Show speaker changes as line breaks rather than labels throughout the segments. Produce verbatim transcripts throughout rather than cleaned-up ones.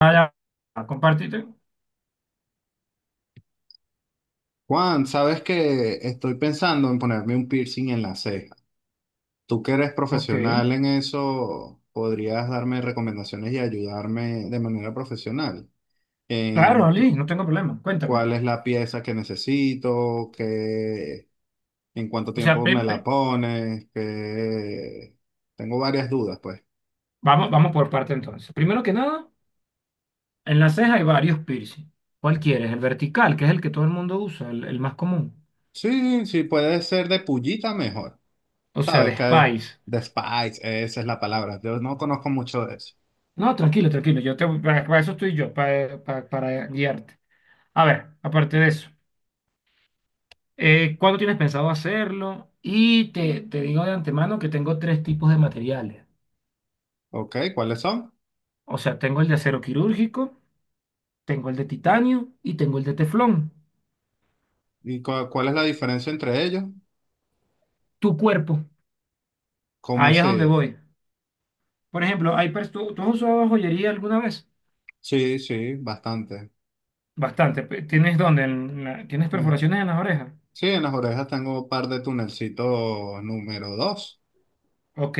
Ah, ya, compartite.
Juan, sabes que estoy pensando en ponerme un piercing en la ceja. Tú que eres
Ok.
profesional en eso, podrías darme recomendaciones y ayudarme de manera profesional
Claro,
en t-
Ali, no tengo problema.
cuál
Cuéntame.
es la pieza que necesito, qué, en cuánto
O sea,
tiempo
pe-
me la
pe-
pones, que tengo varias dudas, pues.
vamos, vamos por parte entonces. Primero que nada, en la ceja hay varios piercing. ¿Cuál quieres? El vertical, que es el que todo el mundo usa, el, el más común.
Sí, sí, puede ser de pullita mejor.
O sea,
Sabes
de
que
Spice.
de Spice, esa es la palabra. Yo no conozco mucho de eso.
No, tranquilo, tranquilo. Yo te, para, para eso estoy yo, para, para, para guiarte. A ver, aparte de eso, eh, ¿cuándo tienes pensado hacerlo? Y te, te digo de antemano que tengo tres tipos de materiales.
Ok, ¿cuáles son?
O sea, tengo el de acero quirúrgico. Tengo el de titanio y tengo el de teflón.
¿Y cua- cuál es la diferencia entre ellos?
Tu cuerpo.
¿Cómo
Ahí es donde
así?
voy. Por ejemplo, hay pers- ¿tú, tú has usado joyería alguna vez?
Sí, sí, bastante.
Bastante. pe- ¿Tienes dónde? En la- ¿Tienes
Eh,
perforaciones en las orejas?
Sí, en las orejas tengo un par de tunelcitos número dos.
Ok.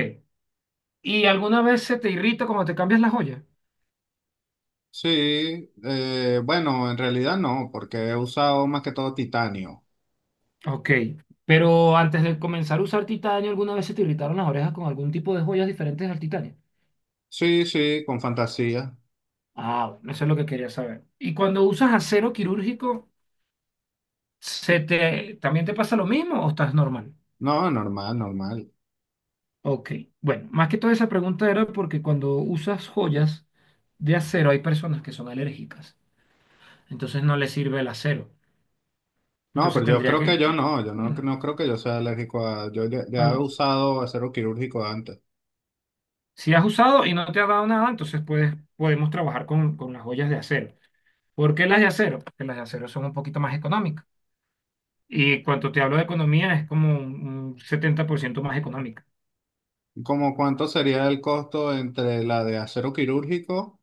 ¿Y alguna vez se te irrita cuando te cambias la joya?
Sí, eh, bueno, en realidad no, porque he usado más que todo titanio.
Ok. Pero antes de comenzar a usar titanio, ¿alguna vez se te irritaron las orejas con algún tipo de joyas diferentes al titanio?
Sí, sí, con fantasía.
Ah, bueno, eso es lo que quería saber. ¿Y cuando usas acero quirúrgico, se te, también te pasa lo mismo o estás normal?
No, normal, normal.
Ok, bueno, más que toda esa pregunta era porque cuando usas joyas de acero hay personas que son alérgicas, entonces no les sirve el acero.
No,
Entonces
pero yo
tendría
creo que
que,
yo no, yo no,
mm,
no creo que yo sea alérgico a... Yo ya, ya he
al-
usado acero quirúrgico antes.
si has usado y no te ha dado nada, entonces puedes, podemos trabajar con, con las joyas de acero. ¿Por qué las de acero? Porque las de acero son un poquito más económicas. Y cuando te hablo de economía es como un, un setenta por ciento más económica.
¿Cómo cuánto sería el costo entre la de acero quirúrgico,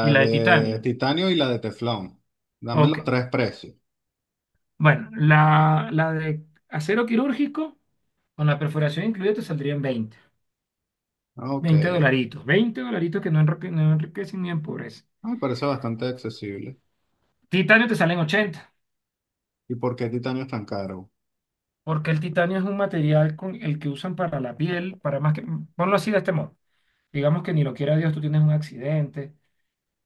¿Y la de
de
titanio?
titanio y la de teflón? Dame
Ok,
los tres precios.
bueno, la, la de acero quirúrgico con la perforación incluida te saldría en veinte.
Ok.
Veinte dolaritos, veinte dolaritos que no, enrique- no enriquecen ni empobrecen.
Ah, me parece bastante accesible.
Titanio te salen ochenta,
¿Y por qué titanio es tan caro?
porque el titanio es un material con el que usan para la piel, para más que, ponlo así de este modo. Digamos que ni lo quiera Dios, tú tienes un accidente.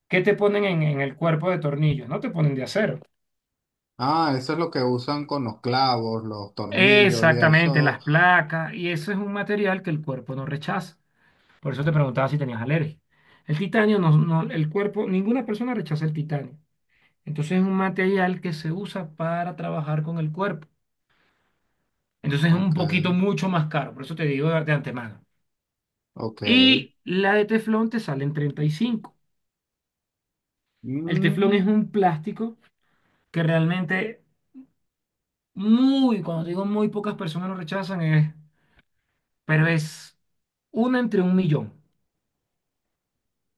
¿Qué te ponen en, en el cuerpo de tornillos? No te ponen de acero.
Ah, eso es lo que usan con los clavos, los tornillos y
Exactamente,
eso.
las placas, y eso es un material que el cuerpo no rechaza. Por eso te preguntaba si tenías alergia. El titanio, no, no- el cuerpo, ninguna persona rechaza el titanio. Entonces es un material que se usa para trabajar con el cuerpo. Entonces es un
Ok,
poquito mucho más caro, por eso te digo de, de antemano.
ok.
Y la de teflón te sale en treinta y cinco. El teflón es
Mm,
un plástico que realmente muy, cuando digo muy pocas personas lo rechazan, es, pero es una entre un millón.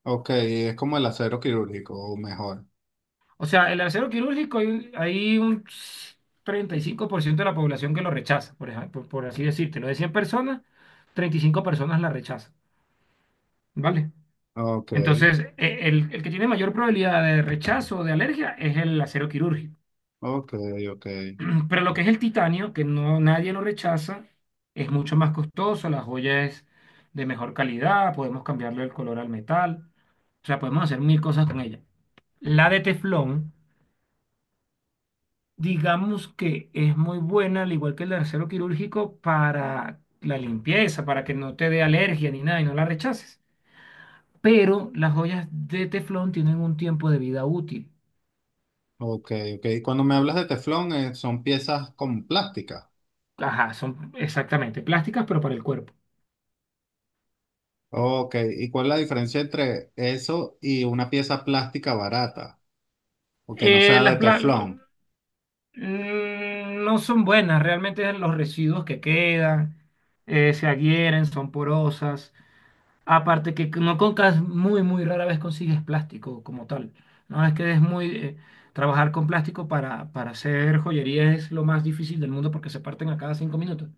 ok, es como el acero quirúrgico, o mejor.
O sea, el acero quirúrgico hay, un hay un treinta y cinco por ciento de la población que lo rechaza, por ejemplo, por, así decirte. De cien personas, treinta y cinco personas la rechazan, ¿vale?
Ok,
Entonces, e- el, el que tiene mayor probabilidad de rechazo o de alergia es el acero quirúrgico.
ok, ok.
Pero lo que es el titanio, que no nadie lo rechaza, es mucho más costoso, la joya es de mejor calidad, podemos cambiarle el color al metal, o sea, podemos hacer mil cosas con ella. La de teflón, digamos que es muy buena, al igual que el de acero quirúrgico, para la limpieza, para que no te dé alergia ni nada y no la rechaces. Pero las joyas de teflón tienen un tiempo de vida útil.
Ok, ok. Cuando me hablas de teflón, eh, son piezas con plástica.
Ajá, son exactamente plásticas, pero para el cuerpo.
Ok, ¿y cuál es la diferencia entre eso y una pieza plástica barata? O que no
Eh,
sea de
las, pla-
teflón.
Mm, No son buenas, realmente los residuos que quedan eh, se adhieren, son porosas. Aparte que no concas muy, muy rara vez consigues plástico como tal. No es que es muy eh, trabajar con plástico para, para hacer joyería es lo más difícil del mundo porque se parten a cada cinco minutos.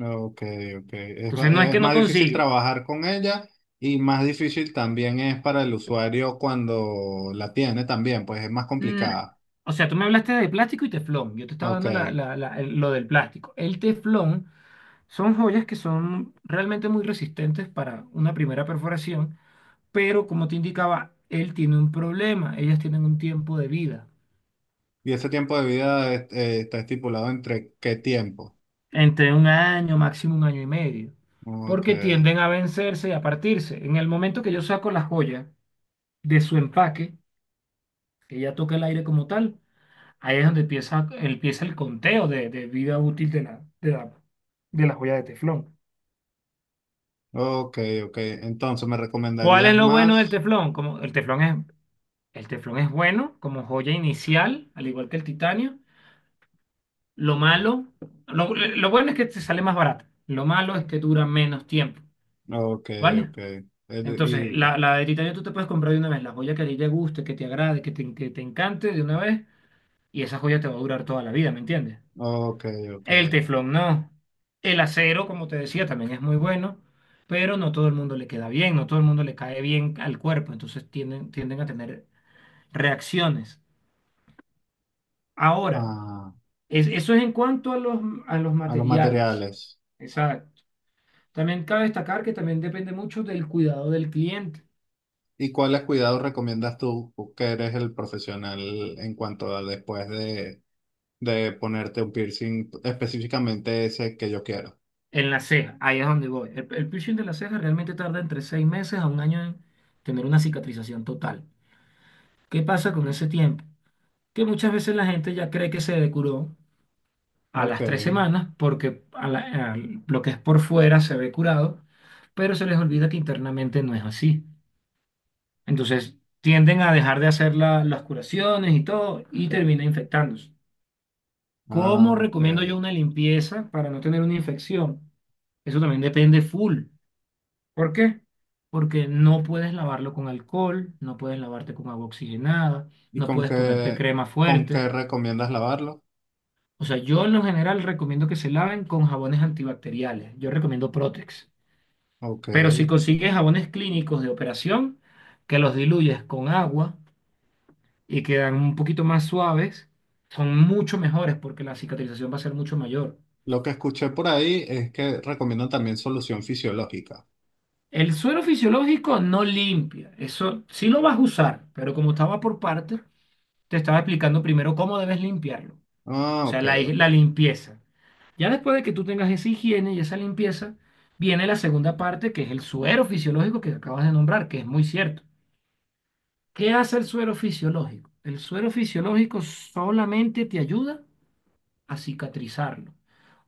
Ok, ok. Es,
Entonces
ba-
no es
es
que no
más difícil
consigue.
trabajar con ella y más difícil también es para el usuario cuando la tiene también, pues es más
Mm,
complicada.
o sea, tú me hablaste de plástico y teflón. Yo te estaba
Ok.
dando la- la- la- el- lo del plástico. El teflón son joyas que son realmente muy resistentes para una primera perforación, pero como te indicaba, él tiene un problema, ellas tienen un tiempo de vida,
¿Y ese tiempo de vida es- eh, está estipulado entre qué tiempo?
entre un año, máximo un año y medio,
Ok,
porque tienden a vencerse y a partirse. En el momento que yo saco la joya de su empaque, que ella toca el aire como tal, ahí es donde empieza, empieza el conteo de, de vida útil de la, de la, de la joya de teflón.
ok, ok. Entonces, ¿me
¿Cuál es
recomendarías
lo bueno del
más?
teflón? Como el teflón es, El teflón es bueno como joya inicial, al igual que el titanio. Lo malo, lo, lo bueno es que te sale más barato. Lo malo es que dura menos tiempo,
Ok,
¿vale?
ok. El-
Entonces,
y,
la, la de titanio tú te puedes comprar de una vez la joya que a ti te guste, que te agrade, que te, que te encante de una vez, y esa joya te va a durar toda la vida, ¿me entiendes?
ok, ok.
El teflón no. El acero, como te decía, también es muy bueno, pero no todo el mundo le queda bien, no todo el mundo le cae bien al cuerpo, entonces tienden, tienden a tener reacciones. Ahora,
Ah,
es- eso es en cuanto a los, a los
a los
materiales.
materiales.
Esa- También cabe destacar que también depende mucho del cuidado del cliente.
¿Y cuáles cuidados recomiendas tú, que eres el profesional en cuanto a después de, de ponerte un piercing, específicamente ese que yo quiero?
En la ceja, ahí es donde voy. El, el piercing de la ceja realmente tarda entre seis meses a un año en tener una cicatrización total. ¿Qué pasa con ese tiempo? Que muchas veces la gente ya cree que se curó a
Ok,
las tres semanas porque a la- al- lo que es por fuera se ve curado, pero se les olvida que internamente no es así. Entonces tienden a dejar de hacer la- las curaciones y todo y termina infectándose. ¿Cómo
ah, ok.
recomiendo yo una limpieza para no tener una infección? Eso también depende full. ¿Por qué? Porque no puedes lavarlo con alcohol, no puedes lavarte con agua oxigenada,
¿Y
no
con
puedes ponerte
qué,
crema
con qué
fuerte.
recomiendas lavarlo?
O sea, yo en lo general recomiendo que se laven con jabones antibacteriales. Yo recomiendo Protex.
Ok.
Pero si consigues jabones clínicos de operación, que los diluyes con agua y quedan un poquito más suaves, son mucho mejores porque la cicatrización va a ser mucho mayor.
Lo que escuché por ahí es que recomiendan también solución fisiológica.
El suero fisiológico no limpia, eso sí lo vas a usar, pero como estaba por partes, te estaba explicando primero cómo debes limpiarlo, o
Ah,
sea,
ok,
la,
ok.
la limpieza. Ya después de que tú tengas esa higiene y esa limpieza, viene la segunda parte, que es el suero fisiológico que acabas de nombrar, que es muy cierto. ¿Qué hace el suero fisiológico? El suero fisiológico solamente te ayuda a cicatrizarlo,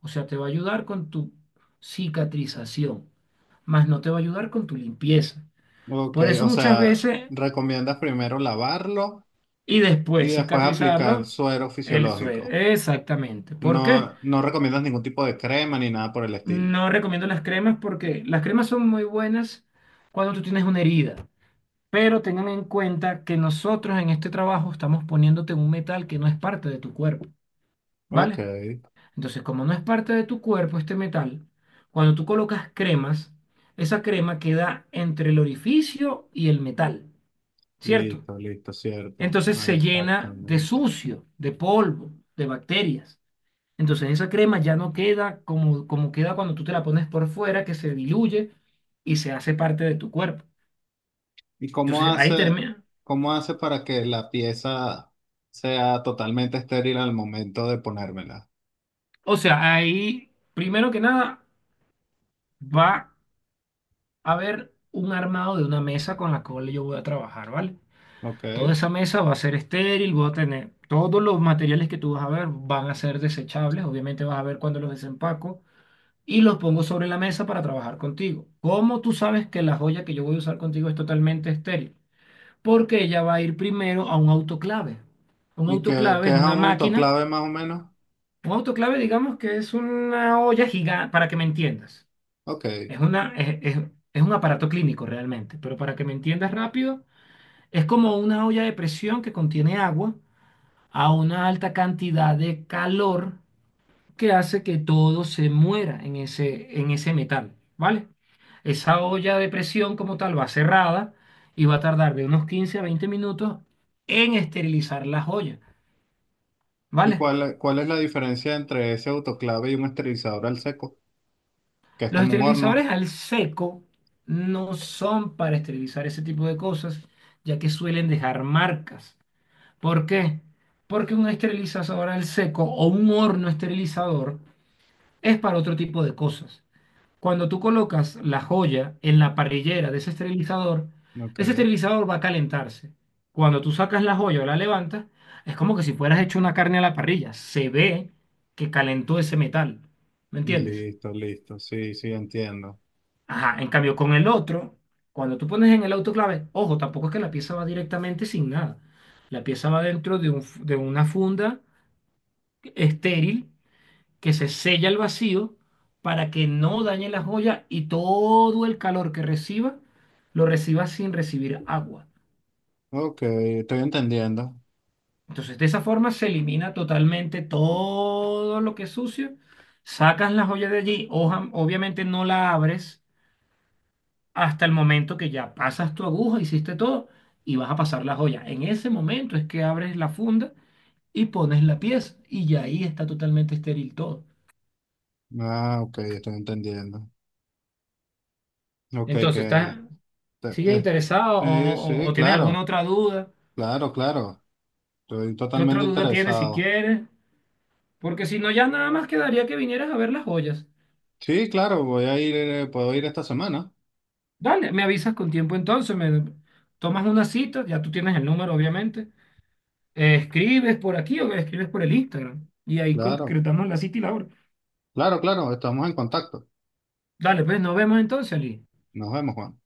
o sea, te va a ayudar con tu cicatrización, más no te va a ayudar con tu limpieza.
Ok,
Por eso
o
muchas
sea,
veces
recomiendas primero lavarlo
y
y
después
después aplicar
cicatrizarlo
suero
el suero.
fisiológico.
Exactamente. ¿Por qué?
No, no recomiendas ningún tipo de crema ni nada por el estilo.
No recomiendo las cremas porque las cremas son muy buenas cuando tú tienes una herida, pero tengan en cuenta que nosotros en este trabajo estamos poniéndote un metal que no es parte de tu cuerpo,
Ok,
¿vale? Entonces, como no es parte de tu cuerpo este metal, cuando tú colocas cremas, esa crema queda entre el orificio y el metal, ¿cierto?
listo, listo, cierto.
Entonces se llena de
Exactamente.
sucio, de polvo, de bacterias. Entonces esa crema ya no queda como, como queda cuando tú te la pones por fuera, que se diluye y se hace parte de tu cuerpo.
¿Y cómo
Entonces ahí
hace,
termina.
cómo hace para que la pieza sea totalmente estéril al momento de ponérmela?
O sea, ahí, primero que nada, va a haber un armado de una mesa con la cual yo voy a trabajar, ¿vale? Toda
Ok.
esa mesa va a ser estéril, voy a tener todos los materiales que tú vas a ver van a ser desechables, obviamente vas a ver cuando los desempaco y los pongo sobre la mesa para trabajar contigo. ¿Cómo tú sabes que la joya que yo voy a usar contigo es totalmente estéril? Porque ella va a ir primero a un autoclave. Un
¿Y qué
autoclave
qué
es
es
una
un
máquina.
autoclave más o menos?
Un autoclave, digamos que es una olla gigante, para que me entiendas.
Ok.
Es una, es, es- Es un aparato clínico realmente, pero para que me entiendas rápido, es como una olla de presión que contiene agua a una alta cantidad de calor que hace que todo se muera en ese, en ese metal, ¿vale? Esa olla de presión como tal va cerrada y va a tardar de unos quince a veinte minutos en esterilizar las ollas,
¿Y
¿vale?
cuál, es- cuál es la diferencia entre ese autoclave y un esterilizador al seco? Que es
Los
como un
esterilizadores
horno.
al seco no son para esterilizar ese tipo de cosas, ya que suelen dejar marcas. ¿Por qué? Porque un esterilizador al seco o un horno esterilizador es para otro tipo de cosas. Cuando tú colocas la joya en la parrillera de ese esterilizador,
Ok.
ese esterilizador va a calentarse. Cuando tú sacas la joya o la levantas, es como que si fueras hecho una carne a la parrilla. Se ve que calentó ese metal. ¿Me entiendes?
Listo, listo. Sí, sí, entiendo.
Ajá, en cambio con el otro, cuando tú pones en el autoclave, ojo, tampoco es que la pieza va directamente sin nada. La pieza va dentro de un f- de una funda estéril que se sella el vacío para que no dañe la joya y todo el calor que reciba lo reciba sin recibir agua.
Ok, estoy entendiendo.
Entonces, de esa forma se elimina totalmente todo lo que es sucio. Sacas la joya de allí, oja- obviamente no la abres hasta el momento que ya pasas tu aguja, hiciste todo y vas a pasar la joya. En ese momento es que abres la funda y pones la pieza y ya ahí está totalmente estéril todo.
Ah, ok, estoy entendiendo. Ok,
Entonces,
que...
está,
te-
¿Sigues
eh,
interesado o,
sí,
o-
sí,
o tienes alguna
claro,
otra duda?
claro, claro. Estoy
¿Qué otra
totalmente
duda tienes si
interesado.
quieres? Porque si no, ya nada más quedaría que vinieras a ver las joyas.
Sí, claro, voy a ir, eh, puedo ir esta semana.
Dale, me avisas con tiempo entonces, me tomas una cita, ya tú tienes el número, obviamente. Eh, escribes por aquí o escribes por el Instagram y ahí
Claro,
concretamos la cita y la hora.
claro, claro, estamos en contacto.
Dale, pues nos vemos entonces, Ali.
Nos vemos, Juan.